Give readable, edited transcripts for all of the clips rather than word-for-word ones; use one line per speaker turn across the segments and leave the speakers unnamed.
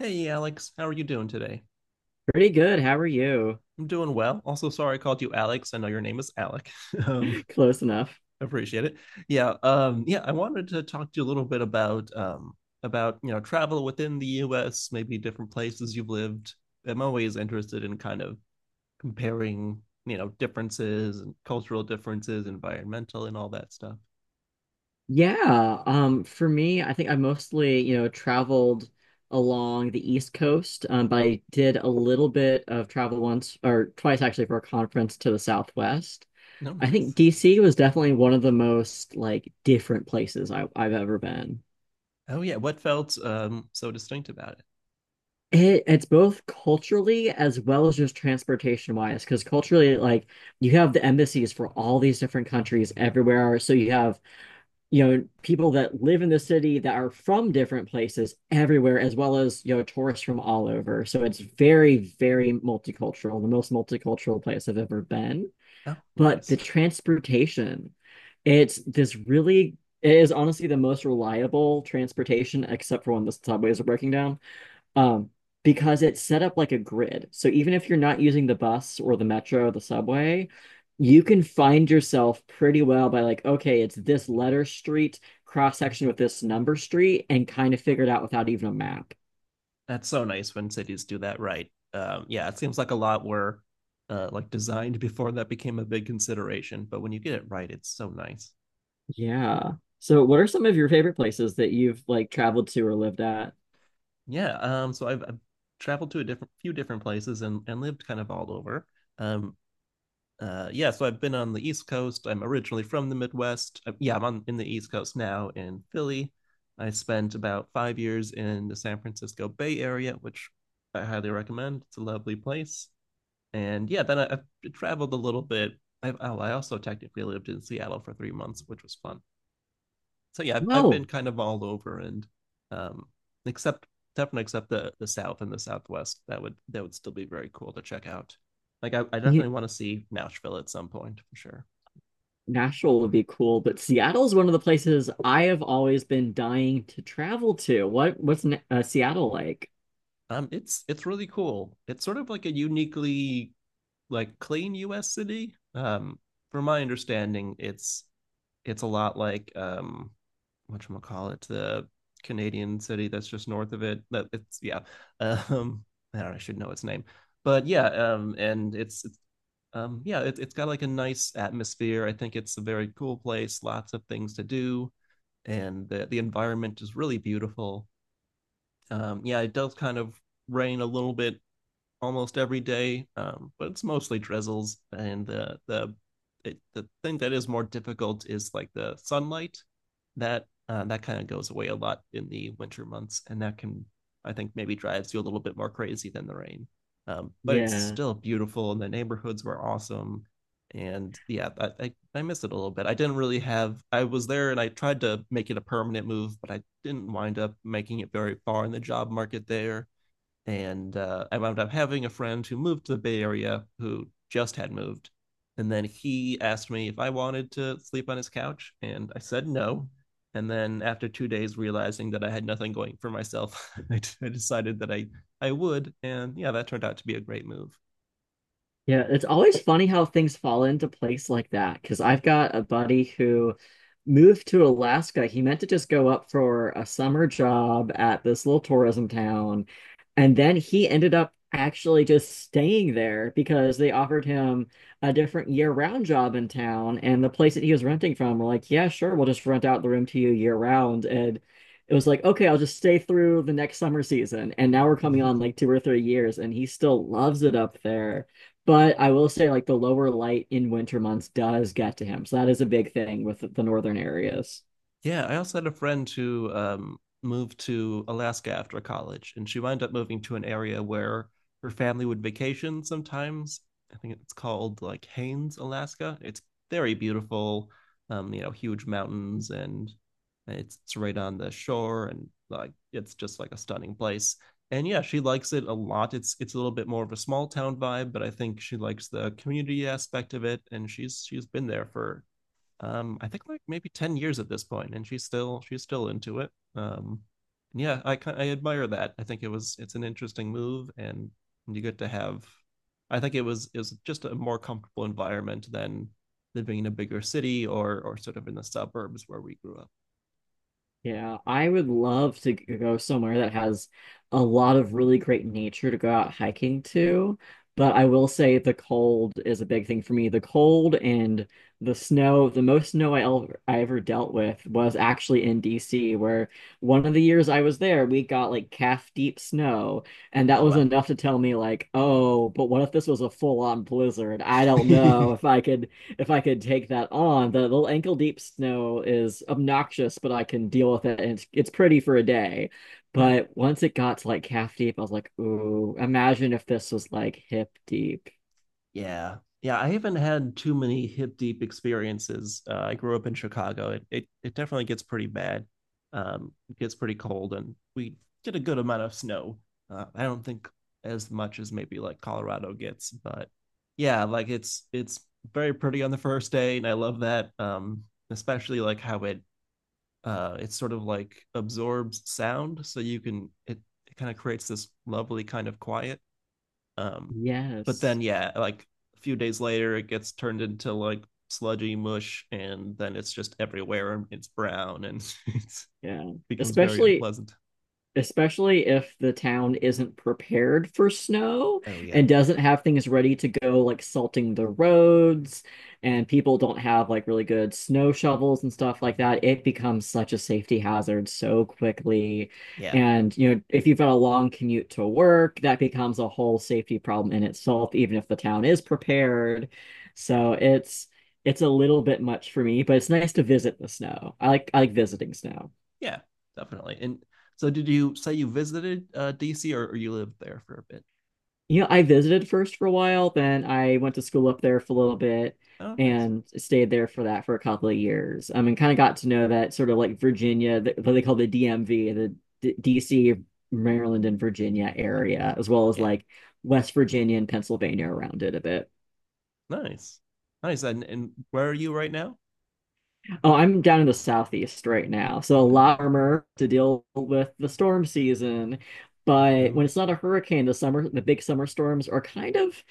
Hey, Alex, how are you doing today?
Pretty good. How are you?
I'm doing well. Also, sorry I called you Alex. I know your name is Alec. um,
Close enough.
appreciate it. Yeah. I wanted to talk to you a little bit about about travel within the U.S., maybe different places you've lived. I'm always interested in kind of comparing differences and cultural differences, environmental, and all that stuff.
Yeah, for me, I think I mostly, you know, traveled along the East Coast, but I did a little bit of travel once or twice actually for a conference to the Southwest.
No,
I think
nice.
DC was definitely one of the most like different places I've ever been.
Oh yeah, what felt so distinct about it?
It's both culturally as well as just transportation wise, because culturally, like you have the embassies for all these different countries everywhere. So you have, you know, people that live in the city that are from different places everywhere, as well as, you know, tourists from all over. So it's very multicultural, the most multicultural place I've ever been.
Oh,
But the
nice.
transportation, it's this really, it is honestly the most reliable transportation, except for when the subways are breaking down. um, because it's set up like a grid. So even if you're not using the bus or the metro or the subway, you can find yourself pretty well by like, okay, it's this letter street cross section with this number street, and kind of figure it out without even a map.
That's so nice when cities do that, right. Yeah, it seems like a lot were like designed before that became a big consideration, but when you get it right, it's so nice.
Yeah. So what are some of your favorite places that you've like traveled to or lived at?
Yeah. So I've traveled to a different few different places and lived kind of all over. Um. Yeah. So I've been on the East Coast. I'm originally from the Midwest. Yeah. I'm on in the East Coast now in Philly. I spent about 5 years in the San Francisco Bay Area, which I highly recommend. It's a lovely place. And yeah, then I traveled a little bit. I, oh, I also technically lived in Seattle for 3 months, which was fun. So yeah, I've been
Well,
kind of all over, and um, except definitely except the South and the Southwest, that would still be very cool to check out. Like I
you,
definitely want to see Nashville at some point for sure.
Nashville would be cool, but Seattle's one of the places I have always been dying to travel to. What's Seattle like?
It's really cool. It's sort of like a uniquely like clean U.S. city. From my understanding, it's a lot like what call it the Canadian city that's just north of it. That it's, yeah. Um, I don't. Know, I should know its name, but yeah. And it's yeah. It's got like a nice atmosphere. I think it's a very cool place. Lots of things to do, and the environment is really beautiful. Yeah, it does kind of rain a little bit almost every day, but it's mostly drizzles. And the thing that is more difficult is like the sunlight that kind of goes away a lot in the winter months, and that can I think maybe drives you a little bit more crazy than the rain. But it's
Yeah.
still beautiful, and the neighborhoods were awesome. And yeah, I miss it a little bit. I didn't really have. I was there, and I tried to make it a permanent move, but I didn't wind up making it very far in the job market there and I wound up having a friend who moved to the Bay Area who just had moved, and then he asked me if I wanted to sleep on his couch, and I said no. And then after 2 days, realizing that I had nothing going for myself, I decided that I would, and yeah, that turned out to be a great move.
Yeah, it's always funny how things fall into place like that. Because I've got a buddy who moved to Alaska. He meant to just go up for a summer job at this little tourism town. And then he ended up actually just staying there because they offered him a different year-round job in town. And the place that he was renting from were like, yeah, sure, we'll just rent out the room to you year-round. And it was like, okay, I'll just stay through the next summer season. And now we're coming on like 2 or 3 years, and he still loves it up there. But I will say, like, the lower light in winter months does get to him. So that is a big thing with the northern areas.
Yeah, I also had a friend who moved to Alaska after college, and she wound up moving to an area where her family would vacation sometimes. I think it's called like Haines, Alaska. It's very beautiful, you know, huge mountains, and it's right on the shore, and like it's just like a stunning place. And yeah, she likes it a lot. It's a little bit more of a small town vibe, but I think she likes the community aspect of it, and she's been there for I think like maybe 10 years at this point, and she's still into it. um yeah, I admire that. I think it was, it's an interesting move, and you get to have, I think it was, it was just a more comfortable environment than living in a bigger city, or sort of in the suburbs where we grew up.
Yeah, I would love to go somewhere that has a lot of really great nature to go out hiking to, but I will say the cold is a big thing for me. The cold and the snow, the most snow I ever dealt with was actually in DC, where one of the years I was there, we got like calf deep snow, and that
Oh
was
wow.
enough to tell me like, oh, but what if this was a full on blizzard? I don't know if I could if I could take that on. The little ankle deep snow is obnoxious, but I can deal with it, and it's pretty for a day.
Mhm.
But once it got to like calf deep, I was like, ooh, imagine if this was like hip deep.
Yeah. Yeah, I haven't had too many hip deep experiences. I grew up in Chicago. It definitely gets pretty bad. It gets pretty cold, and we get a good amount of snow. I don't think as much as maybe like Colorado gets, but yeah, like it's very pretty on the first day, and I love that. Especially like how it it sort of like absorbs sound, so you can, it kind of creates this lovely kind of quiet, um, but
Yes.
then yeah, like a few days later, it gets turned into like sludgy mush, and then it's just everywhere, and it's brown, and it
Yeah.
becomes very
Especially
unpleasant.
especially if the town isn't prepared for snow
Oh yeah,
and doesn't have things ready to go, like salting the roads, and people don't have like really good snow shovels and stuff like that, it becomes such a safety hazard so quickly.
yeah,
And, you know, if you've got a long commute to work, that becomes a whole safety problem in itself, even if the town is prepared. So it's a little bit much for me, but it's nice to visit the snow. I like visiting snow.
yeah, definitely. And so, did you say you visited DC, or you lived there for a bit?
You know, I visited first for a while, then I went to school up there for a little bit
Oh, nice.
and stayed there for that for a couple of years. I mean, kind of got to know that sort of like Virginia, what they call the DMV, the D DC, Maryland, and Virginia area, as well as
Yeah,
like West Virginia and Pennsylvania around it a bit.
nice, nice. And where are you right now?
Oh, I'm down in the southeast right now, so a
Okay.
lot warmer to deal with the storm season. But when
Oh
it's not a hurricane, the summer, the big summer storms are kind of,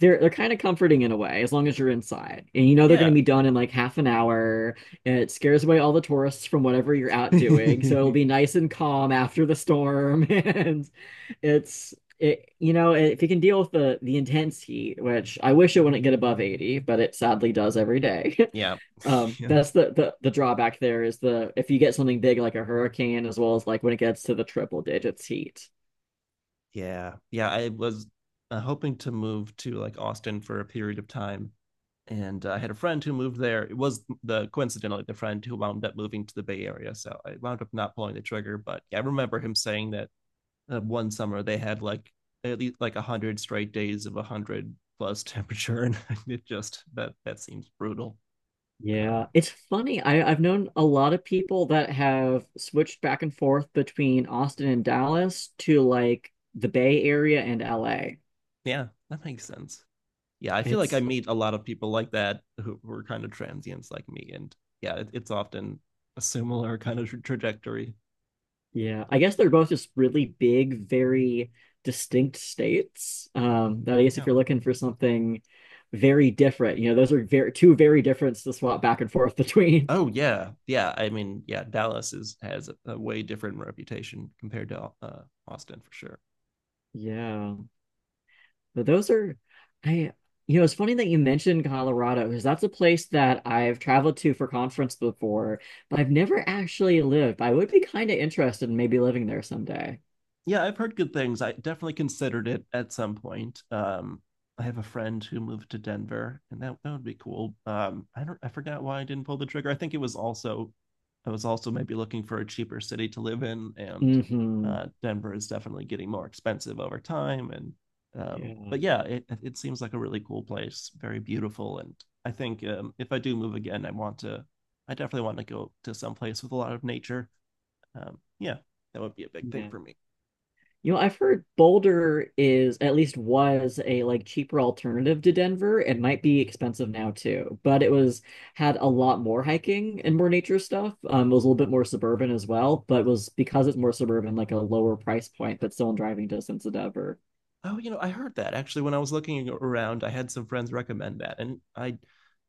they're kind of comforting in a way, as long as you're inside. And you know they're going to
yeah,
be done in like half an hour. It scares away all the tourists from whatever you're out doing. So it'll
yeah.
be nice and calm after the storm. And it's, it, you know, if you can deal with the intense heat, which I wish it wouldn't get above 80, but it sadly does every day.
Yeah,
That's the drawback there is the, if you get something big like a hurricane, as well as like when it gets to the triple digits heat.
yeah. Yeah. I was hoping to move to like Austin for a period of time. And I had a friend who moved there. It was the coincidentally the friend who wound up moving to the Bay Area. So I wound up not pulling the trigger. But yeah, I remember him saying that one summer they had like at least like 100 straight days of 100 plus temperature. And it just, that, that seems brutal.
Yeah,
Um,
it's funny. I've known a lot of people that have switched back and forth between Austin and Dallas to like the Bay Area and LA.
yeah, that makes sense. Yeah, I feel like I
It's,
meet a lot of people like that who were kind of transients like me, and yeah, it, it's often a similar kind of trajectory.
yeah, I guess they're both just really big, very distinct states. That I guess if
Yeah.
you're looking for something very different, you know, those are very, two very different to swap back and forth between.
Oh yeah, yeah. I mean, yeah, Dallas is has a way different reputation compared to Austin for sure.
Yeah, but those are, I, you know, it's funny that you mentioned Colorado because that's a place that I've traveled to for conference before, but I've never actually lived. I would be kind of interested in maybe living there someday.
Yeah, I've heard good things. I definitely considered it at some point. I have a friend who moved to Denver, and that would be cool. I don't, I forgot why I didn't pull the trigger. I think it was also, I was also maybe looking for a cheaper city to live in, and
Hmm.
Denver is definitely getting more expensive over time. And
Yeah.
but yeah, it seems like a really cool place, very beautiful, and I think if I do move again, I want to, I definitely want to go to some place with a lot of nature. Yeah, that would be a big thing
Yeah.
for me.
You know, I've heard Boulder is, at least was, a like cheaper alternative to Denver. It might be expensive now too, but it was, had a lot more hiking and more nature stuff. It was a little bit more suburban as well, but was, because it's more suburban, like a lower price point, but still in driving distance of Denver.
Oh, you know, I heard that actually when I was looking around. I had some friends recommend that, and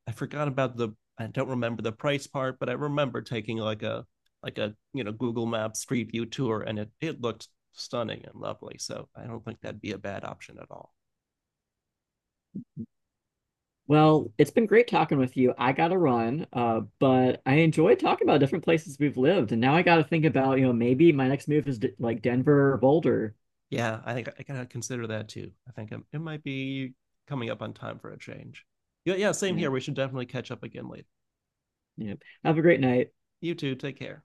I forgot about the. I don't remember the price part, but I remember taking like a Google Maps Street View tour, and it looked stunning and lovely. So I don't think that'd be a bad option at all.
Well, it's been great talking with you. I gotta run, but I enjoyed talking about different places we've lived, and now I gotta think about, you know, maybe my next move is d like Denver or Boulder.
Yeah, I think I gotta consider that too. I think it might be coming up on time for a change. Yeah, yeah, same
Yeah,
here. We should definitely catch up again later.
yeah. Have a great night.
You too. Take care.